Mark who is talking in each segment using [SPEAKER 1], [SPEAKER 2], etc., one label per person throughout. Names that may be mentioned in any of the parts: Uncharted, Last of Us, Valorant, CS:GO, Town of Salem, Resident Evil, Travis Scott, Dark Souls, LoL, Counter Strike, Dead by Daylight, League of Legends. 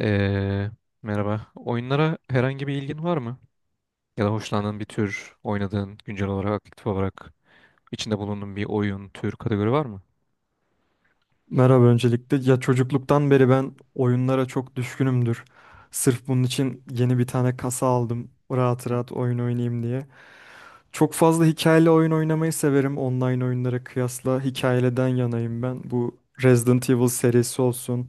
[SPEAKER 1] Ee, merhaba. Oyunlara herhangi bir ilgin var mı? Ya da hoşlandığın bir tür, oynadığın, güncel olarak, aktif olarak içinde bulunduğun bir oyun, tür, kategori var mı?
[SPEAKER 2] Merhaba öncelikle. Ya çocukluktan beri ben oyunlara çok düşkünümdür. Sırf bunun için yeni bir tane kasa aldım. Rahat
[SPEAKER 1] Hı.
[SPEAKER 2] rahat oyun oynayayım diye. Çok fazla hikayeli oyun oynamayı severim. Online oyunlara kıyasla hikayeliden yanayım ben. Bu Resident Evil serisi olsun,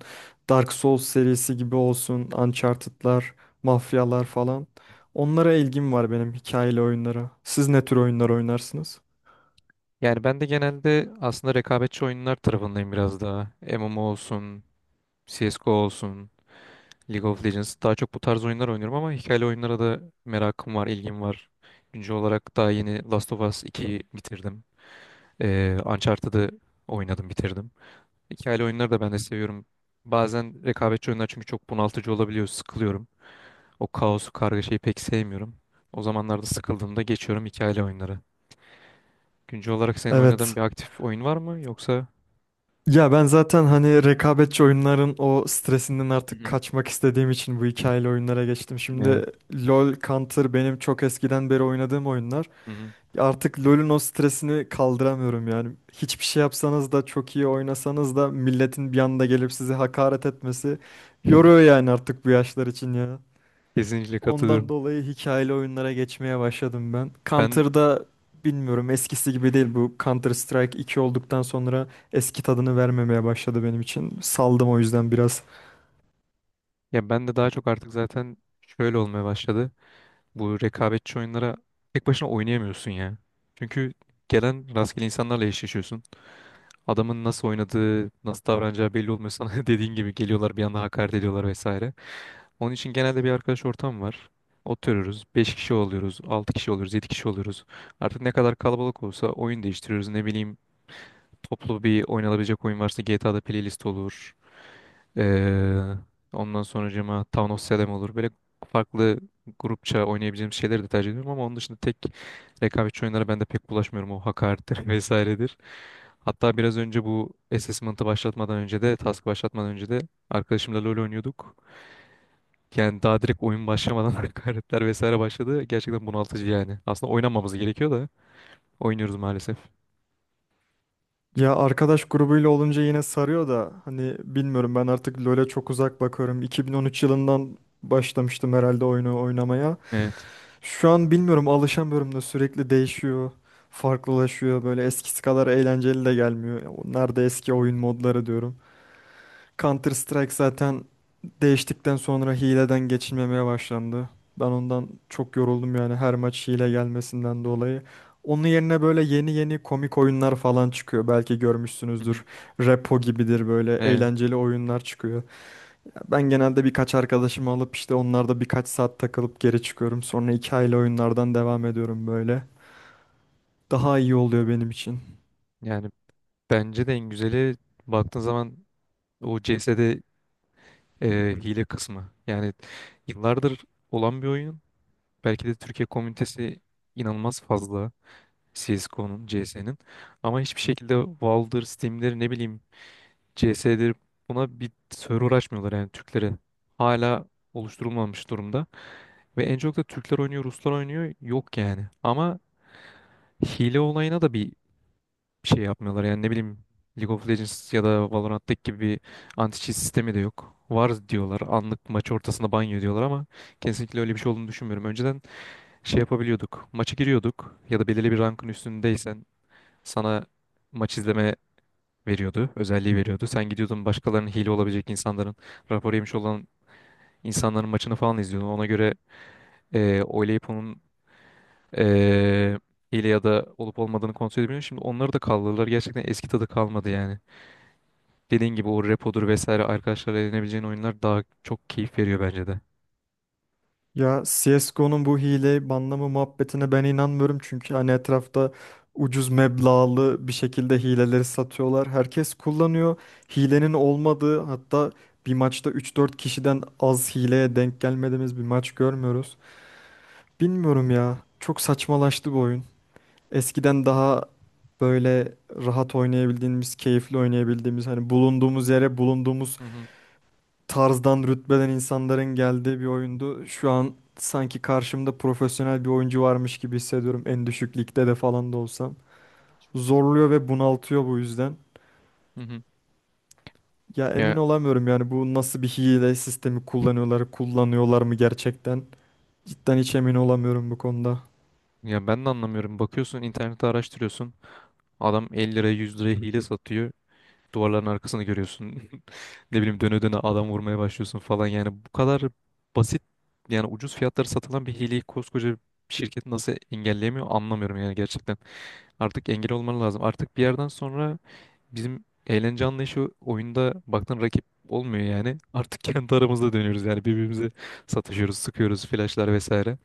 [SPEAKER 2] Dark Souls serisi gibi olsun, Uncharted'lar, mafyalar falan. Onlara ilgim var benim hikayeli oyunlara. Siz ne tür oyunlar oynarsınız?
[SPEAKER 1] Yani ben de genelde aslında rekabetçi oyunlar tarafındayım biraz daha. MMO olsun, CSGO olsun, League of Legends. Daha çok bu tarz oyunlar oynuyorum ama hikayeli oyunlara da merakım var, ilgim var. Güncel olarak daha yeni Last of Us 2'yi bitirdim. Uncharted'ı oynadım, bitirdim. Hikayeli oyunları da ben de seviyorum. Bazen rekabetçi oyunlar çünkü çok bunaltıcı olabiliyor. Sıkılıyorum. O kaosu, kargaşayı pek sevmiyorum. O zamanlarda sıkıldığımda geçiyorum hikayeli oyunlara. Güncel olarak senin oynadığın
[SPEAKER 2] Evet.
[SPEAKER 1] bir aktif oyun var mı yoksa?
[SPEAKER 2] Ya ben zaten hani rekabetçi oyunların o stresinden
[SPEAKER 1] Hı
[SPEAKER 2] artık
[SPEAKER 1] hı.
[SPEAKER 2] kaçmak istediğim için bu hikayeli oyunlara geçtim.
[SPEAKER 1] Evet.
[SPEAKER 2] Şimdi LoL, Counter benim çok eskiden beri oynadığım oyunlar.
[SPEAKER 1] Hı hı.
[SPEAKER 2] Artık LoL'ün o stresini kaldıramıyorum yani. Hiçbir şey yapsanız da çok iyi oynasanız da milletin bir anda gelip sizi hakaret etmesi yoruyor yani artık bu yaşlar için ya.
[SPEAKER 1] Kesinlikle
[SPEAKER 2] Ondan
[SPEAKER 1] katılıyorum.
[SPEAKER 2] dolayı hikayeli oyunlara geçmeye başladım ben.
[SPEAKER 1] Ben
[SPEAKER 2] Counter'da bilmiyorum eskisi gibi değil, bu Counter Strike iki olduktan sonra eski tadını vermemeye başladı benim için. Saldım o yüzden biraz.
[SPEAKER 1] ya ben de daha çok artık zaten şöyle olmaya başladı. Bu rekabetçi oyunlara tek başına oynayamıyorsun ya. Çünkü gelen rastgele insanlarla eşleşiyorsun. Adamın nasıl oynadığı, nasıl davranacağı belli olmuyor sana. Dediğin gibi geliyorlar bir anda hakaret ediyorlar vesaire. Onun için genelde bir arkadaş ortam var. Oturuyoruz. Beş kişi oluyoruz, 6 kişi oluyoruz, 7 kişi oluyoruz. Artık ne kadar kalabalık olsa oyun değiştiriyoruz. Ne bileyim toplu bir oynanabilecek oyun varsa GTA'da playlist olur. Ee, ondan sonracığıma Town of Salem olur. Böyle farklı grupça oynayabileceğim şeyleri de tercih ediyorum ama onun dışında tek rekabetçi oyunlara ben de pek bulaşmıyorum. O hakarettir vesairedir. Hatta biraz önce bu assessment'ı başlatmadan önce de, task başlatmadan önce de arkadaşımla LoL oynuyorduk. Yani daha direkt oyun başlamadan hakaretler vesaire başladı. Gerçekten bunaltıcı yani. Aslında oynamamız gerekiyor da oynuyoruz maalesef.
[SPEAKER 2] Ya arkadaş grubuyla olunca yine sarıyor da hani bilmiyorum, ben artık LoL'e çok uzak bakıyorum. 2013 yılından başlamıştım herhalde oyunu oynamaya.
[SPEAKER 1] Evet.
[SPEAKER 2] Şu an bilmiyorum, alışamıyorum da sürekli değişiyor. Farklılaşıyor, böyle eskisi kadar eğlenceli de gelmiyor. Ya, nerede eski oyun modları diyorum. Counter Strike zaten değiştikten sonra hileden geçilmemeye başlandı. Ben ondan çok yoruldum yani, her maç hile gelmesinden dolayı. Onun yerine böyle yeni yeni komik oyunlar falan çıkıyor. Belki
[SPEAKER 1] Hı hı.
[SPEAKER 2] görmüşsünüzdür. Repo gibidir, böyle
[SPEAKER 1] Ee,
[SPEAKER 2] eğlenceli oyunlar çıkıyor. Ben genelde birkaç arkadaşımı alıp işte onlarda birkaç saat takılıp geri çıkıyorum. Sonra hikayeli oyunlardan devam ediyorum böyle. Daha iyi oluyor benim için.
[SPEAKER 1] yani bence de en güzeli baktığın zaman o CS'de Hı hile kısmı. Yani yıllardır olan bir oyun. Belki de Türkiye komünitesi inanılmaz fazla CSGO'nun, CS'nin. Ama hiçbir şekilde Valve'dır, Steam'dir, ne bileyim CS'dir buna bir server açmıyorlar yani Türklere. Hala oluşturulmamış durumda. Ve en çok da Türkler oynuyor, Ruslar oynuyor. Yok yani. Ama hile olayına da bir şey yapmıyorlar. Yani ne bileyim League of Legends ya da Valorant'taki gibi bir anti-cheat sistemi de yok. Var diyorlar. Anlık maç ortasında banyo diyorlar ama kesinlikle öyle bir şey olduğunu düşünmüyorum. Önceden şey yapabiliyorduk. Maça giriyorduk ya da belirli bir rankın üstündeysen sana maç izleme veriyordu. Özelliği veriyordu. Sen gidiyordun başkalarının hile olabilecek insanların, rapor yemiş olan insanların maçını falan izliyordun. Ona göre oylayıp onun eee hile ya da olup olmadığını kontrol edebiliyorsun. Şimdi onları da kaldırdılar. Gerçekten eski tadı kalmadı yani. Dediğin gibi o repodur vesaire arkadaşlarla eğlenebileceğin oyunlar daha çok keyif veriyor bence de.
[SPEAKER 2] Ya CSGO'nun bu hile banlama muhabbetine ben inanmıyorum, çünkü hani etrafta ucuz meblağlı bir şekilde hileleri satıyorlar. Herkes kullanıyor. Hilenin olmadığı, hatta bir maçta üç dört kişiden az hileye denk gelmediğimiz bir maç görmüyoruz. Bilmiyorum ya. Çok saçmalaştı bu oyun. Eskiden daha böyle rahat oynayabildiğimiz, keyifli oynayabildiğimiz, hani bulunduğumuz yere bulunduğumuz
[SPEAKER 1] Hı hı.
[SPEAKER 2] tarzdan rütbeden insanların geldiği bir oyundu. Şu an sanki karşımda profesyonel bir oyuncu varmış gibi hissediyorum. En düşük ligde de falan da olsam. Zorluyor ve bunaltıyor bu yüzden.
[SPEAKER 1] Hı hı.
[SPEAKER 2] Ya emin
[SPEAKER 1] Ya
[SPEAKER 2] olamıyorum yani, bu nasıl bir hile sistemi kullanıyorlar, kullanıyorlar mı gerçekten? Cidden hiç emin olamıyorum bu konuda.
[SPEAKER 1] ya ben de anlamıyorum. Bakıyorsun internette araştırıyorsun. Adam 50 liraya 100 liraya hile satıyor. Duvarların arkasını görüyorsun. Ne bileyim döne döne adam vurmaya başlıyorsun falan. Yani bu kadar basit yani ucuz fiyatlara satılan bir hileyi koskoca bir şirket nasıl engelleyemiyor anlamıyorum yani gerçekten. Artık engel olman lazım. Artık bir yerden sonra bizim eğlence anlayışı oyunda baktın rakip olmuyor yani. Artık kendi aramızda dönüyoruz yani birbirimize satışıyoruz, sıkıyoruz, flashlar vesaire.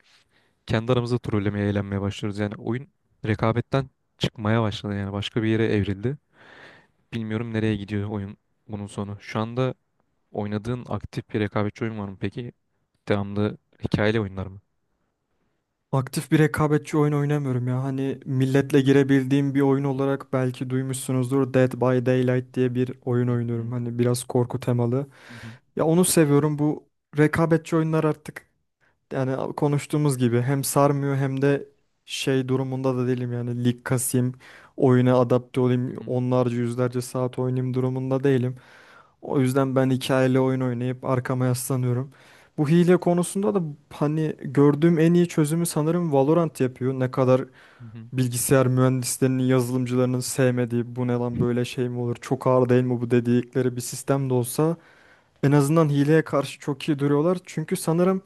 [SPEAKER 1] Kendi aramızda trollemeye, eğlenmeye başlıyoruz. Yani oyun rekabetten çıkmaya başladı yani başka bir yere evrildi. Bilmiyorum nereye gidiyor oyun bunun sonu. Şu anda oynadığın aktif bir rekabetçi oyun var mı peki? Devamlı hikayeli oyunlar mı?
[SPEAKER 2] Aktif bir rekabetçi oyun oynamıyorum ya. Hani milletle girebildiğim bir oyun olarak belki duymuşsunuzdur. Dead by Daylight diye bir oyun
[SPEAKER 1] Hı
[SPEAKER 2] oynuyorum.
[SPEAKER 1] hı,
[SPEAKER 2] Hani biraz korku temalı.
[SPEAKER 1] hı hı,
[SPEAKER 2] Ya onu seviyorum. Bu rekabetçi oyunlar artık, yani konuştuğumuz gibi, hem sarmıyor hem de şey durumunda da değilim yani, lig kasayım, oyuna adapte olayım,
[SPEAKER 1] hı hı,
[SPEAKER 2] onlarca yüzlerce saat oynayayım durumunda değilim. O yüzden ben hikayeli oyun oynayıp arkama yaslanıyorum. Bu hile konusunda da hani gördüğüm en iyi çözümü sanırım Valorant yapıyor. Ne kadar
[SPEAKER 1] hı hı,
[SPEAKER 2] bilgisayar mühendislerinin, yazılımcılarının sevmediği, bu ne lan böyle, şey mi olur, çok ağır değil mi bu dedikleri bir sistem de olsa en azından hileye karşı çok iyi duruyorlar. Çünkü sanırım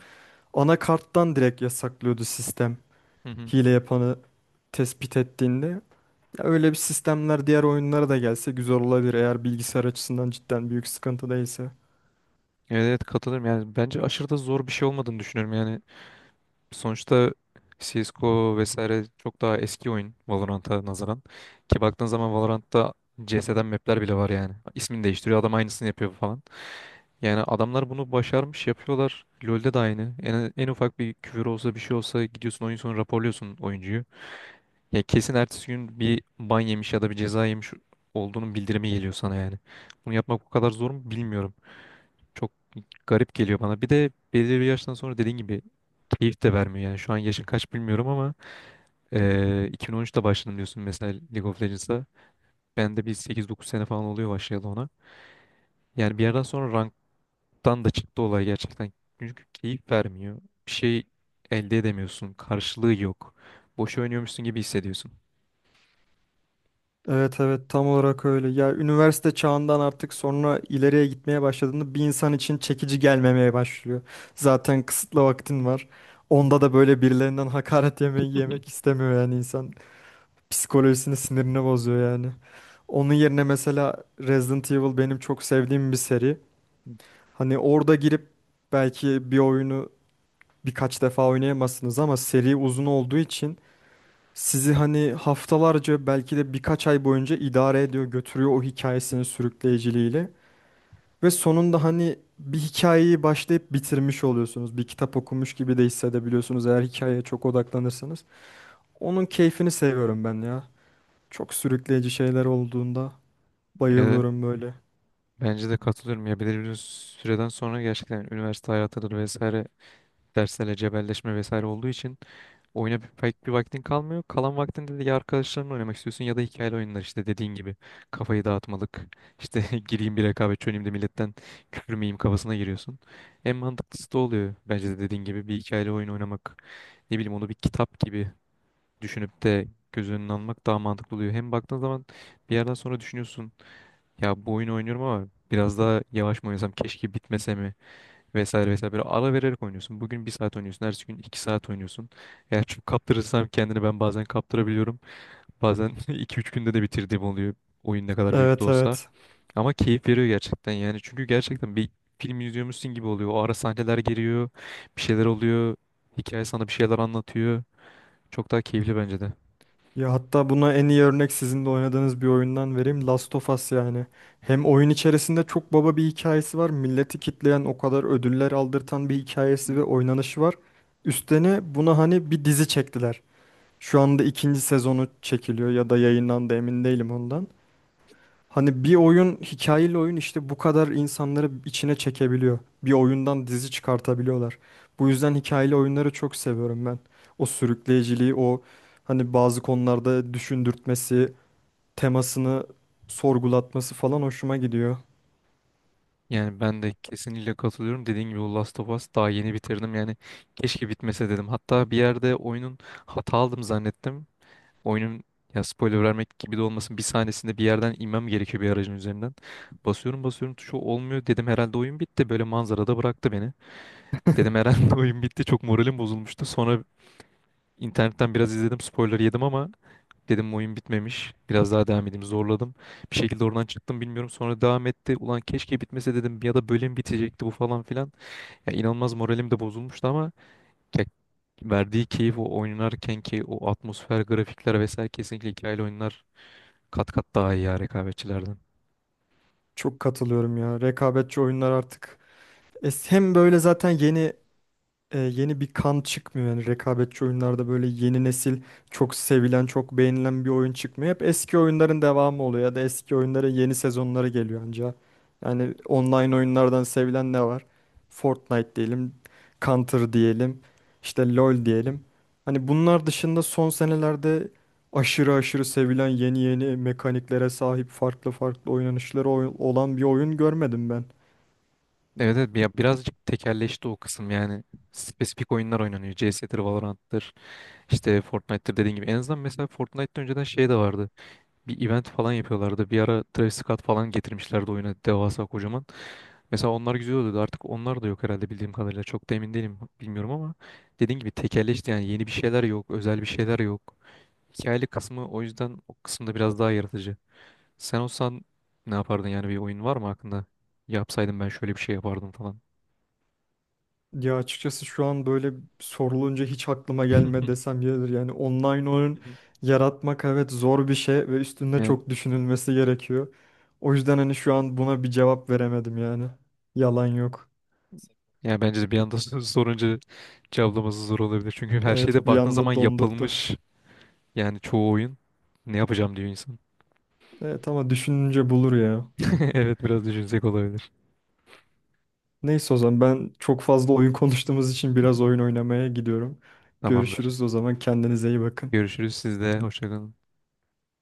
[SPEAKER 2] anakarttan direkt yasaklıyordu sistem
[SPEAKER 1] hı hı.
[SPEAKER 2] hile yapanı tespit ettiğinde. Ya öyle bir sistemler diğer oyunlara da gelse güzel olabilir, eğer bilgisayar açısından cidden büyük sıkıntı değilse.
[SPEAKER 1] Evet, evet katılırım yani bence aşırı da zor bir şey olmadığını düşünüyorum yani sonuçta CSGO vesaire çok daha eski oyun Valorant'a nazaran ki baktığın zaman Valorant'ta CS'den map'ler bile var yani ismini değiştiriyor adam aynısını yapıyor falan yani adamlar bunu başarmış yapıyorlar LoL'de de aynı en ufak bir küfür olsa bir şey olsa gidiyorsun oyun sonu raporluyorsun oyuncuyu ya kesin ertesi gün bir ban yemiş ya da bir ceza yemiş olduğunun bildirimi geliyor sana yani bunu yapmak o kadar zor mu bilmiyorum çok garip geliyor bana. Bir de belirli bir yaştan sonra dediğin gibi keyif de vermiyor. Yani şu an yaşın kaç bilmiyorum ama 2013'te başladım diyorsun mesela League of Legends'a. Ben de bir 8-9 sene falan oluyor başlayalı ona. Yani bir yerden sonra ranktan da çıktı olay gerçekten. Çünkü keyif vermiyor. Bir şey elde edemiyorsun. Karşılığı yok. Boş oynuyormuşsun gibi hissediyorsun.
[SPEAKER 2] Evet, evet, tam olarak öyle. Ya üniversite çağından artık sonra ileriye gitmeye başladığında bir insan için çekici gelmemeye başlıyor. Zaten kısıtlı vaktin var. Onda da böyle birilerinden hakaret yemeyi yemek istemiyor yani insan. Psikolojisini, sinirini bozuyor yani. Onun yerine mesela Resident Evil benim çok sevdiğim bir seri. Hani orada girip belki bir oyunu birkaç defa oynayamazsınız ama seri uzun olduğu için sizi hani haftalarca, belki de birkaç ay boyunca idare ediyor, götürüyor o hikayesinin sürükleyiciliğiyle. Ve sonunda hani bir hikayeyi başlayıp bitirmiş oluyorsunuz. Bir kitap okumuş gibi de hissedebiliyorsunuz, eğer hikayeye çok odaklanırsanız. Onun keyfini seviyorum ben ya. Çok sürükleyici şeyler olduğunda
[SPEAKER 1] Eee,
[SPEAKER 2] bayılıyorum böyle.
[SPEAKER 1] bence de katılıyorum. Ya belirli bir süreden sonra gerçekten üniversite hayatıdır vesaire derslerle cebelleşme vesaire olduğu için oyuna pek bir vaktin kalmıyor. Kalan vaktinde de ya arkadaşlarınla oynamak istiyorsun ya da hikayeli oyunlar işte dediğin gibi. Kafayı dağıtmalık. İşte gireyim bir rekabet çöneyim de milletten küfür miyim kafasına giriyorsun. En mantıklısı da oluyor. Bence de dediğin gibi bir hikayeli oyun oynamak. Ne bileyim onu bir kitap gibi düşünüp de göz önüne almak daha mantıklı oluyor. Hem baktığın zaman bir yerden sonra düşünüyorsun. Ya bu oyunu oynuyorum ama biraz daha yavaş mı oynasam keşke bitmese mi? Vesaire vesaire böyle ara vererek oynuyorsun. Bugün bir saat oynuyorsun. Ertesi gün 2 saat oynuyorsun. Eğer çok kaptırırsam kendini ben bazen kaptırabiliyorum. Bazen iki üç günde de bitirdiğim oluyor. Oyun ne kadar büyük de
[SPEAKER 2] Evet,
[SPEAKER 1] olsa.
[SPEAKER 2] evet.
[SPEAKER 1] Ama keyif veriyor gerçekten yani. Çünkü gerçekten bir film izliyormuşsun gibi oluyor. O ara sahneler geliyor. Bir şeyler oluyor. Hikaye sana bir şeyler anlatıyor. Çok daha keyifli bence de.
[SPEAKER 2] Ya hatta buna en iyi örnek sizin de oynadığınız bir oyundan vereyim. Last of Us yani. Hem oyun içerisinde çok baba bir hikayesi var. Milleti kitleyen, o kadar ödüller aldırtan bir hikayesi
[SPEAKER 1] Hı.
[SPEAKER 2] ve oynanışı var. Üstüne buna hani bir dizi çektiler. Şu anda ikinci sezonu çekiliyor ya da yayınlandı, emin değilim ondan. Hani bir oyun, hikayeli oyun, işte bu kadar insanları içine çekebiliyor. Bir oyundan dizi çıkartabiliyorlar. Bu yüzden hikayeli oyunları çok seviyorum ben. O sürükleyiciliği, o hani bazı konularda düşündürtmesi, temasını sorgulatması falan hoşuma gidiyor.
[SPEAKER 1] Yani ben de kesinlikle katılıyorum. Dediğin gibi o Last of Us daha yeni bitirdim. Yani keşke bitmese dedim. Hatta bir yerde oyunun hata aldım zannettim. Oyunun ya spoiler vermek gibi de olmasın bir sahnesinde bir yerden inmem gerekiyor bir aracın üzerinden. Basıyorum basıyorum tuşu olmuyor dedim herhalde oyun bitti böyle manzarada bıraktı beni. Dedim herhalde oyun bitti çok moralim bozulmuştu. Sonra internetten biraz izledim spoiler yedim ama dedim oyun bitmemiş biraz daha devam edeyim zorladım. Bir şekilde oradan çıktım bilmiyorum sonra devam etti. Ulan keşke bitmese dedim ya da bölüm bitecekti bu falan filan. Ya inanılmaz moralim de bozulmuştu ama ya verdiği keyif o oynarken ki o atmosfer grafikler vesaire kesinlikle hikayeli oyunlar kat kat daha iyi ya rekabetçilerden.
[SPEAKER 2] Çok katılıyorum ya. Rekabetçi oyunlar artık. Hem böyle zaten yeni bir kan çıkmıyor. Yani rekabetçi oyunlarda böyle yeni nesil çok sevilen, çok beğenilen bir oyun çıkmıyor. Hep eski oyunların devamı oluyor ya da eski oyunların yeni sezonları geliyor anca. Yani online oyunlardan sevilen ne var? Fortnite diyelim, Counter diyelim, işte LoL diyelim. Hani bunlar dışında son senelerde aşırı aşırı sevilen, yeni yeni mekaniklere sahip, farklı farklı oynanışları olan bir oyun görmedim ben.
[SPEAKER 1] Evet evet ya birazcık tekelleşti o kısım yani. Spesifik oyunlar oynanıyor. CS'dir, Valorant'tır, işte Fortnite'tır dediğin gibi. En azından mesela Fortnite'da önceden şey de vardı. Bir event falan yapıyorlardı. Bir ara Travis Scott falan getirmişlerdi oyuna devasa kocaman. Mesela onlar güzel oluyordu. Artık onlar da yok herhalde bildiğim kadarıyla. Çok da emin değilim bilmiyorum ama dediğin gibi tekelleşti yani yeni bir şeyler yok, özel bir şeyler yok. Hikayeli kısmı o yüzden o kısımda biraz daha yaratıcı. Sen olsan ne yapardın yani bir oyun var mı aklında? Yapsaydım ben şöyle bir şey yapardım falan.
[SPEAKER 2] Ya açıkçası şu an böyle sorulunca hiç aklıma gelme desem yeridir. Yani online oyun yaratmak, evet, zor bir şey ve üstünde
[SPEAKER 1] Evet.
[SPEAKER 2] çok düşünülmesi gerekiyor. O yüzden hani şu an buna bir cevap veremedim yani. Yalan yok.
[SPEAKER 1] Yani bence de bir anda sorunca cevaplaması zor olabilir. Çünkü her şeyde
[SPEAKER 2] Evet, bir
[SPEAKER 1] baktığın zaman
[SPEAKER 2] anda dondurttu.
[SPEAKER 1] yapılmış yani çoğu oyun. Ne yapacağım diyor insan.
[SPEAKER 2] Evet, ama düşününce bulur ya.
[SPEAKER 1] Evet biraz düşünsek olabilir.
[SPEAKER 2] Neyse, o zaman ben çok fazla oyun konuştuğumuz için biraz oyun oynamaya gidiyorum.
[SPEAKER 1] Tamamdır.
[SPEAKER 2] Görüşürüz o zaman, kendinize iyi bakın.
[SPEAKER 1] Görüşürüz sizde. Hoşçakalın.